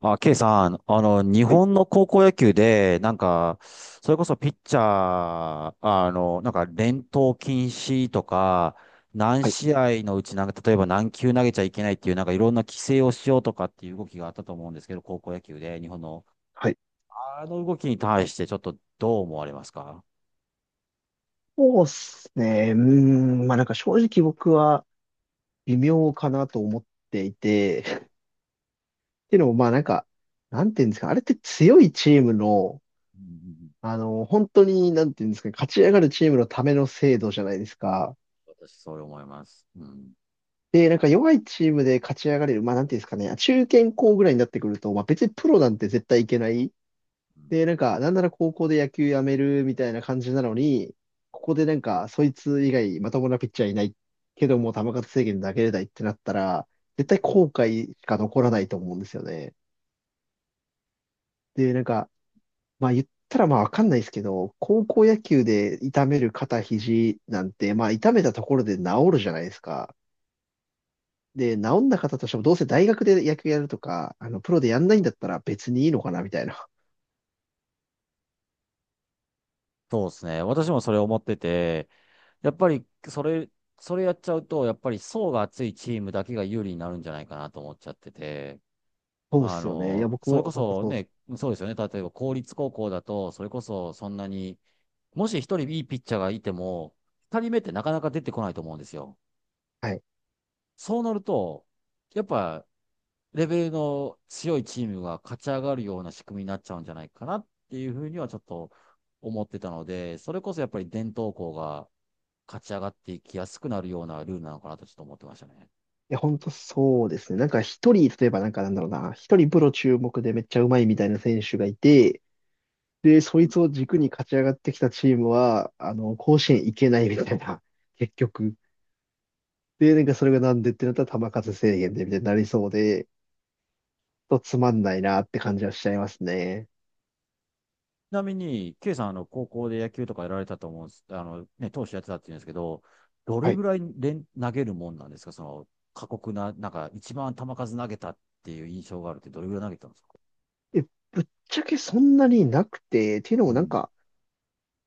ケイさん、日はい、本の高校野球で、それこそピッチャー、連投禁止とか、何はい、試合のうち、例えば何球投げちゃいけないっていう、いろんな規制をしようとかっていう動きがあったと思うんですけど、高校野球で、日本の、はい。あの動きに対して、ちょっとどう思われますか？そうですね。うーん、まあなんか正直僕は微妙かなと思っていて、っていうのもまあなんか、なんていうんですか、あれって強いチームの、うんうん。うん。本当に、なんていうんですかね、勝ち上がるチームのための制度じゃないですか。私、そう思います。うん。で、なんか弱いチームで勝ち上がれる、まあなんていうんですかね、中堅校ぐらいになってくると、まあ別にプロなんて絶対いけない。で、うなんか、なんなら高校で野球やめるみたいな感じなのに、ここでなんか、そいつ以外まともなピッチャーいない、けども球数制限投げれないってなったら、絶対ん。後悔しか残らないと思うんですよね。で、なんか、まあ言ったらまあわかんないですけど、高校野球で痛める肩、肘なんて、まあ痛めたところで治るじゃないですか。で、治んな方としてもどうせ大学で野球やるとか、プロでやんないんだったら別にいいのかなみたいな。そうですね。私もそれ思ってて、やっぱり、それやっちゃうと、やっぱり層が厚いチームだけが有利になるんじゃないかなと思っちゃってて、そうっすよね。いや、僕それこも本当そそうっす。ね、そうですよね。例えば公立高校だと、それこそそんなに、もし一人いいピッチャーがいても、二人目ってなかなか出てこないと思うんですよ。はいそうなると、やっぱ、レベルの強いチームが勝ち上がるような仕組みになっちゃうんじゃないかなっていうふうにはちょっと思ってたので、それこそやっぱり伝統校が、勝ち上がっていきやすくなるようなルールなのかなとちょっと思ってましたね。や、本当そうですね。なんか一人、例えばなんかなんだろうな、一人プロ注目でめっちゃうまいみたいな選手がいて、で、そういん。ちつを軸に勝ち上がってきたチームは、甲子園行けないみたいな、結局。で、なんかそれがなんでってなったら球数制限でみたいになりそうで、ちょっとつまんないなって感じはしちゃいますね。なみに、K さん、高校で野球とかやられたと思うんです、ね、投手やってたって言うんですけど、どれはい。ぐらい連投げるもんなんですか、その、過酷な、一番球数投げたっていう印象があるって、どれぐらい投げたんですか？え、ぶっちゃけそんなになくて、っていうのうもなんん。か、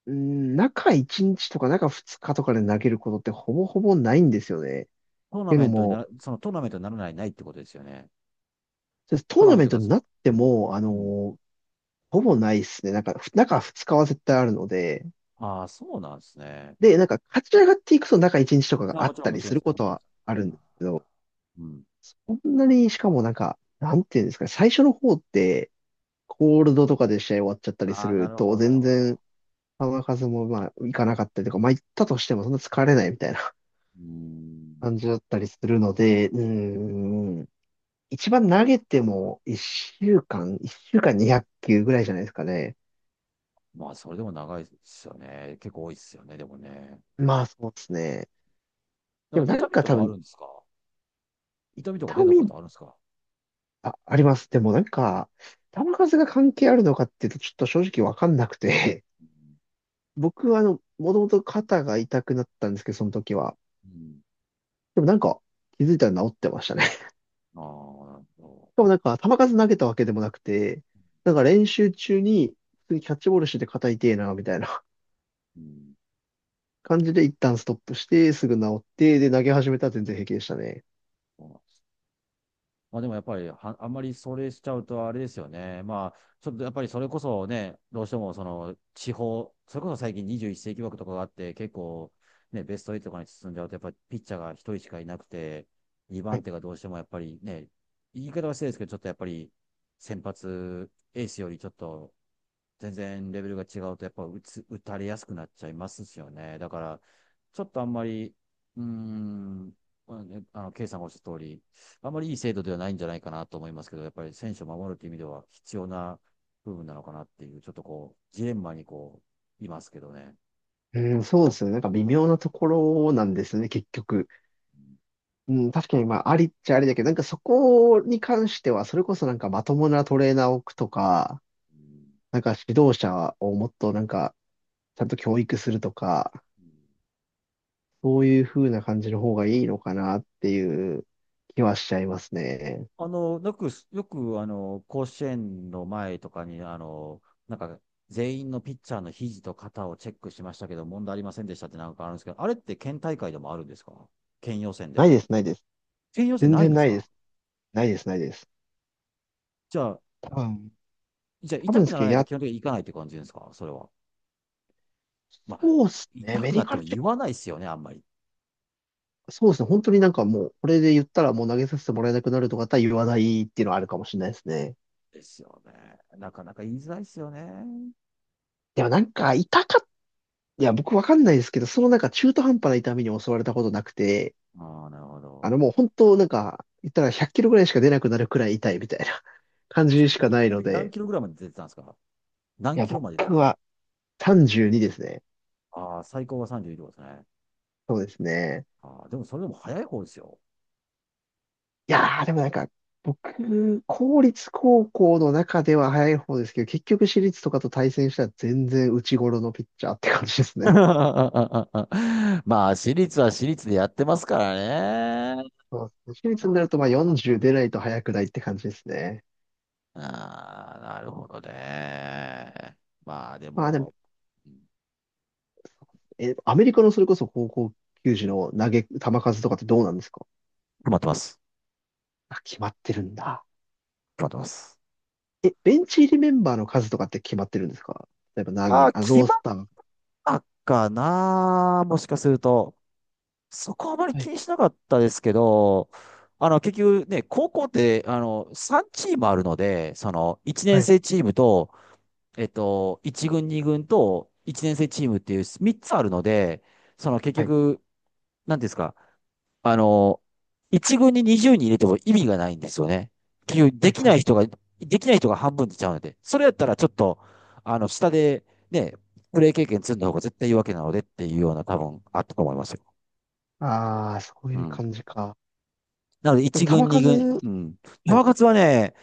うん、中1日とか中2日とかで投げることってほぼほぼないんですよね。っトーナていうメのントになも、ら、そのトーナメントにならないってことですよね。そうです。トトーーナナメンメトントが、になっても、うん。ほぼないですね。なんか、中2日は絶対あるので、ああ、そうなんですね。で、なんか、勝ち上がっていくと中1日とかがあ、あもっちろん、たもりちろすん、るそこうなとりまはす。あうるんん。ですけど、うん。こんなに、しかもなんか、なんていうんですかね、最初の方って、コールドとかで試合終わっちゃったりすああ、なるるほと、ど、なる全ほ然、ど。球数もまあ、いかなかったりとか、まあ、行ったとしてもそんな疲れないみたいな うー ん。感じだったりするので、うーん、一番投げても1週間、1週間200球ぐらいじゃないですかね。まあ、それでも長いですよね。結構多いですよね、でもね。まあ、そうですね。だでかもらな痛んみかと多かあ分、るんですか？痛みとか出痛たこみ、とあるんですか？あ、あります。でもなんか、球数が関係あるのかっていうと、ちょっと正直わかんなくて、うん。僕はもともと肩が痛くなったんですけど、その時は。うん。でもなんか、気づいたら治ってましたね。しああ、なるほど。かもなんか、球数投げたわけでもなくて、なんか練習中に、普通にキャッチボールしてて肩痛えな、みたいな うん。感じで一旦ストップして、すぐ治って、で、投げ始めたら全然平気でしたね。そうなん。まあでもやっぱりは、あんまりそれしちゃうとあれですよね。まあ、ちょっとやっぱりそれこそね、どうしてもその地方、それこそ最近21世紀枠とかがあって、結構ね、ベスト8とかに進んじゃうと、やっぱりピッチャーが一人しかいなくて、2は番い。手がどうしてもやっぱりね、言い方は失礼ですけど、ちょっとやっぱり先発エースよりちょっと全然レベルが違うと、やっぱ打つ、打たれやすくなっちゃいますしよね。だから、ちょっとあんまり、うーん、まあね、ケイさんがおっしゃった通り、あまりいい制度ではないんじゃないかなと思いますけど、やっぱり選手を守るという意味では必要な部分なのかなっていう、ちょっとこう、ジレンマにこう、いますけどね。うん、そうですよね。なんか微妙なところなんですね、結局。うん、確かにまあ、ありっちゃありだけど、なんかそこに関しては、それこそなんかまともなトレーナーを置くとか、なんか指導者をもっとなんか、ちゃんと教育するとか、そういう風な感じの方がいいのかなっていう気はしちゃいますね。よく、甲子園の前とかに、なんか、全員のピッチャーの肘と肩をチェックしましたけど、問題ありませんでしたってなんかあるんですけど、あれって県大会でもあるんですか、県予選でないも。です、ないです。県予選全ないん然ですないでか？す。ないです、ないです。じゃあ、多分、じゃあ多痛分でくすならけど、ないとや、基本的に行かないって感じですか、それは。まあ、そうっすね。痛メくデなィっカてもルチェ言ッわないですよね、あんまり。ク、そうですね。本当になんかもう、これで言ったらもう投げさせてもらえなくなるとかだったら言わないっていうのはあるかもしれないですね。ですよね。なかなか言いづらいですよね。でもなんか、痛かっいや、僕わかんないですけど、そのなんか中途半端な痛みに襲われたことなくて、ああ、なるほど。もう本当なんか、言ったら100キロぐらいしか出なくなるくらい痛いみたいな 感ちじしかないなのみに何で、キロぐらいまで出てたんですか、何いや、キロまで出て。僕は32ですね。ああ、最高が32キロですね。そうですね。ああ、でもそれでも早い方ですよ。いやー、でもなんか、僕、公立高校の中では早い方ですけど、結局私立とかと対戦したら全然内頃のピッチャーって感じです ね。まあ、私立は私立でやってますからね。そうですね。私立になるとまあ40出ないと早くないって感じですね。ああ、なるほどね。まあ、でまあでも、もうん、え、アメリカのそれこそ高校球児の球数とかってどうなんですか決まってます。あ？決まってるんだ。決まってます。え、ベンチ入りメンバーの数とかって決まってるんですか？例えば何あ人、あ、あ、決ローまっスター。たかな。もしかすると。そこはあまりは気い、にしなかったですけど、結局ね、高校って、3チームあるので、その、1は年い、生チームと、えっと、1軍、2軍と、1年生チームっていう3つあるので、その、結はい、局、なんていうんですか、あの、1軍に20人入れても意味がないんですよね。結局、はい、はい。できない人が半分出ちゃうので、それやったらちょっと、下で、ね、プレー経験積んだ方が絶対いいわけなのでっていうような多分あったと思いますよ。ああ、そうういうん。感じか。なので、でも1球軍、2数、軍、うん。パはい、ワ活はね、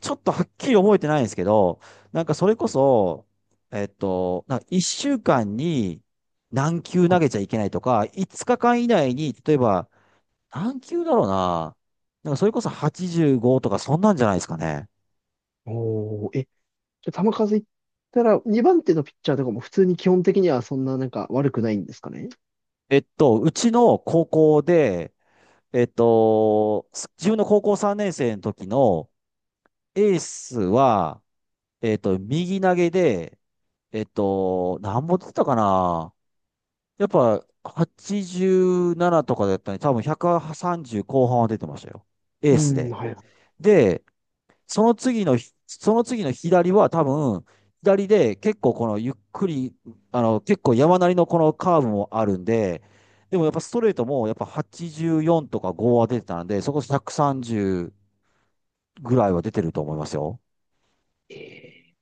ちょっとはっきり覚えてないんですけど、なんかそれこはい、そ、えっと、なんか1週間に何球は投い。げちゃいけないとか、5日間以内に、例えば、何球だろうな。なんかそれこそ85とかそんなんじゃないですかね。おー、え、じゃあ球数いったら、2番手のピッチャーとかも普通に基本的にはそんななんか悪くないんですかね？えっと、うちの高校で、えっと、自分の高校3年生の時のエースは、えっと、右投げで、えっと、何本出てたかな、やっぱ87とかだったのに、多分130後半は出てましたよ。エうースん、で。はい。で、その次のひ、その次の左は多分、左で結構このゆっくり、結構山なりのこのカーブもあるんで、でもやっぱストレートもやっぱ84とか5は出てたんで、そこ130ぐらいは出てると思いますよ。え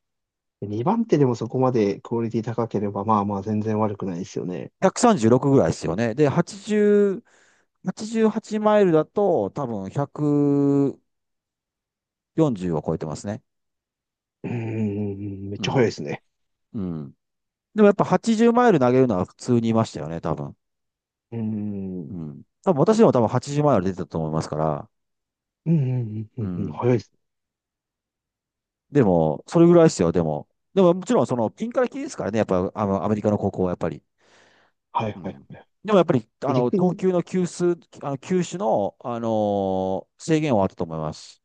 2番手でもそこまでクオリティ高ければ、まあまあ全然悪くないですよね。136ぐらいですよね。で、80、8マイルだと多分140を超えてますね。うーん、めっうちゃ早いでん。すね。うん。でもやっぱ80マイル投げるのは普通にいましたよね、多分。うーん、ううん。多分私でも多分80マイル出てたと思いますから。ん、うん、ううん、うん、ん。早いですね。でも、それぐらいですよ、でも。でももちろんそのピンからキリですからね、やっぱあのアメリカの高校はやっぱり。はい、うはい、ん。はい。でもやっぱり、で逆投に、球の球数、球種の、制限はあったと思います。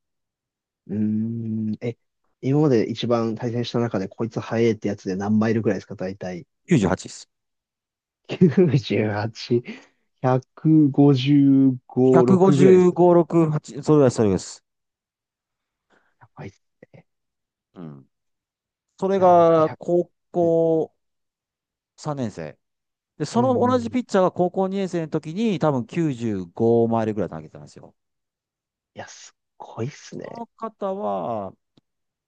うーん、え、今まで一番対戦した中でこいつ早いってやつで何マイルくらいですか、大体。98です。98、155、6ぐらいです。155、6、8、それぐらいです、それぐらいです。やばいっす。うん。それいや、僕1、が、高え、校3年生。で、うその同ん、じいピッチャーが高校2年生の時に多分95マイルぐらい投げてたんですよ。や、すっごいっすそね。の方は、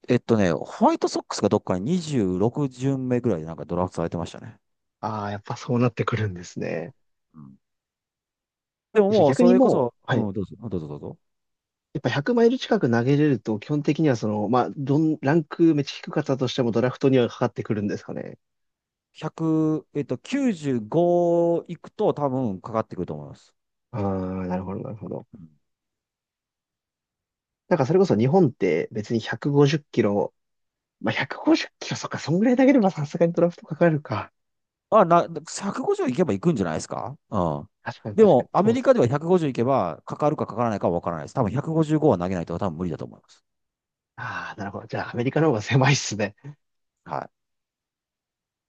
えっとね、ホワイトソックスがどっかに26巡目ぐらいでなんかドラフトされてましたね。ああ、やっぱそうなってくるんですね。うん。でもじゃあもう逆そにれこもそ、う、うはい。ん、どうぞ、どうぞどうぞ。やっぱ100マイル近く投げれると、基本的にはその、まあ、ランクめっちゃ低かったとしてもドラフトにはかかってくるんですかね。100、えっと、95いくと多分かかってくると思います。ああ、なるほど、なるほど。うん。なんかそれこそ日本って別に150キロ、まあ、150キロ、そっか、そんぐらい投げればさすがにドラフトかかるか。あ、な、150いけばいくんじゃないですか、うん。確かに、で確かも、に。アそメうっリす。カでは150いけば、かかるかかからないかは分からないです。多分155は投げないと多分無理だと思います。ああ、なるほど。じゃあアメリカの方が狭いっすね。はい。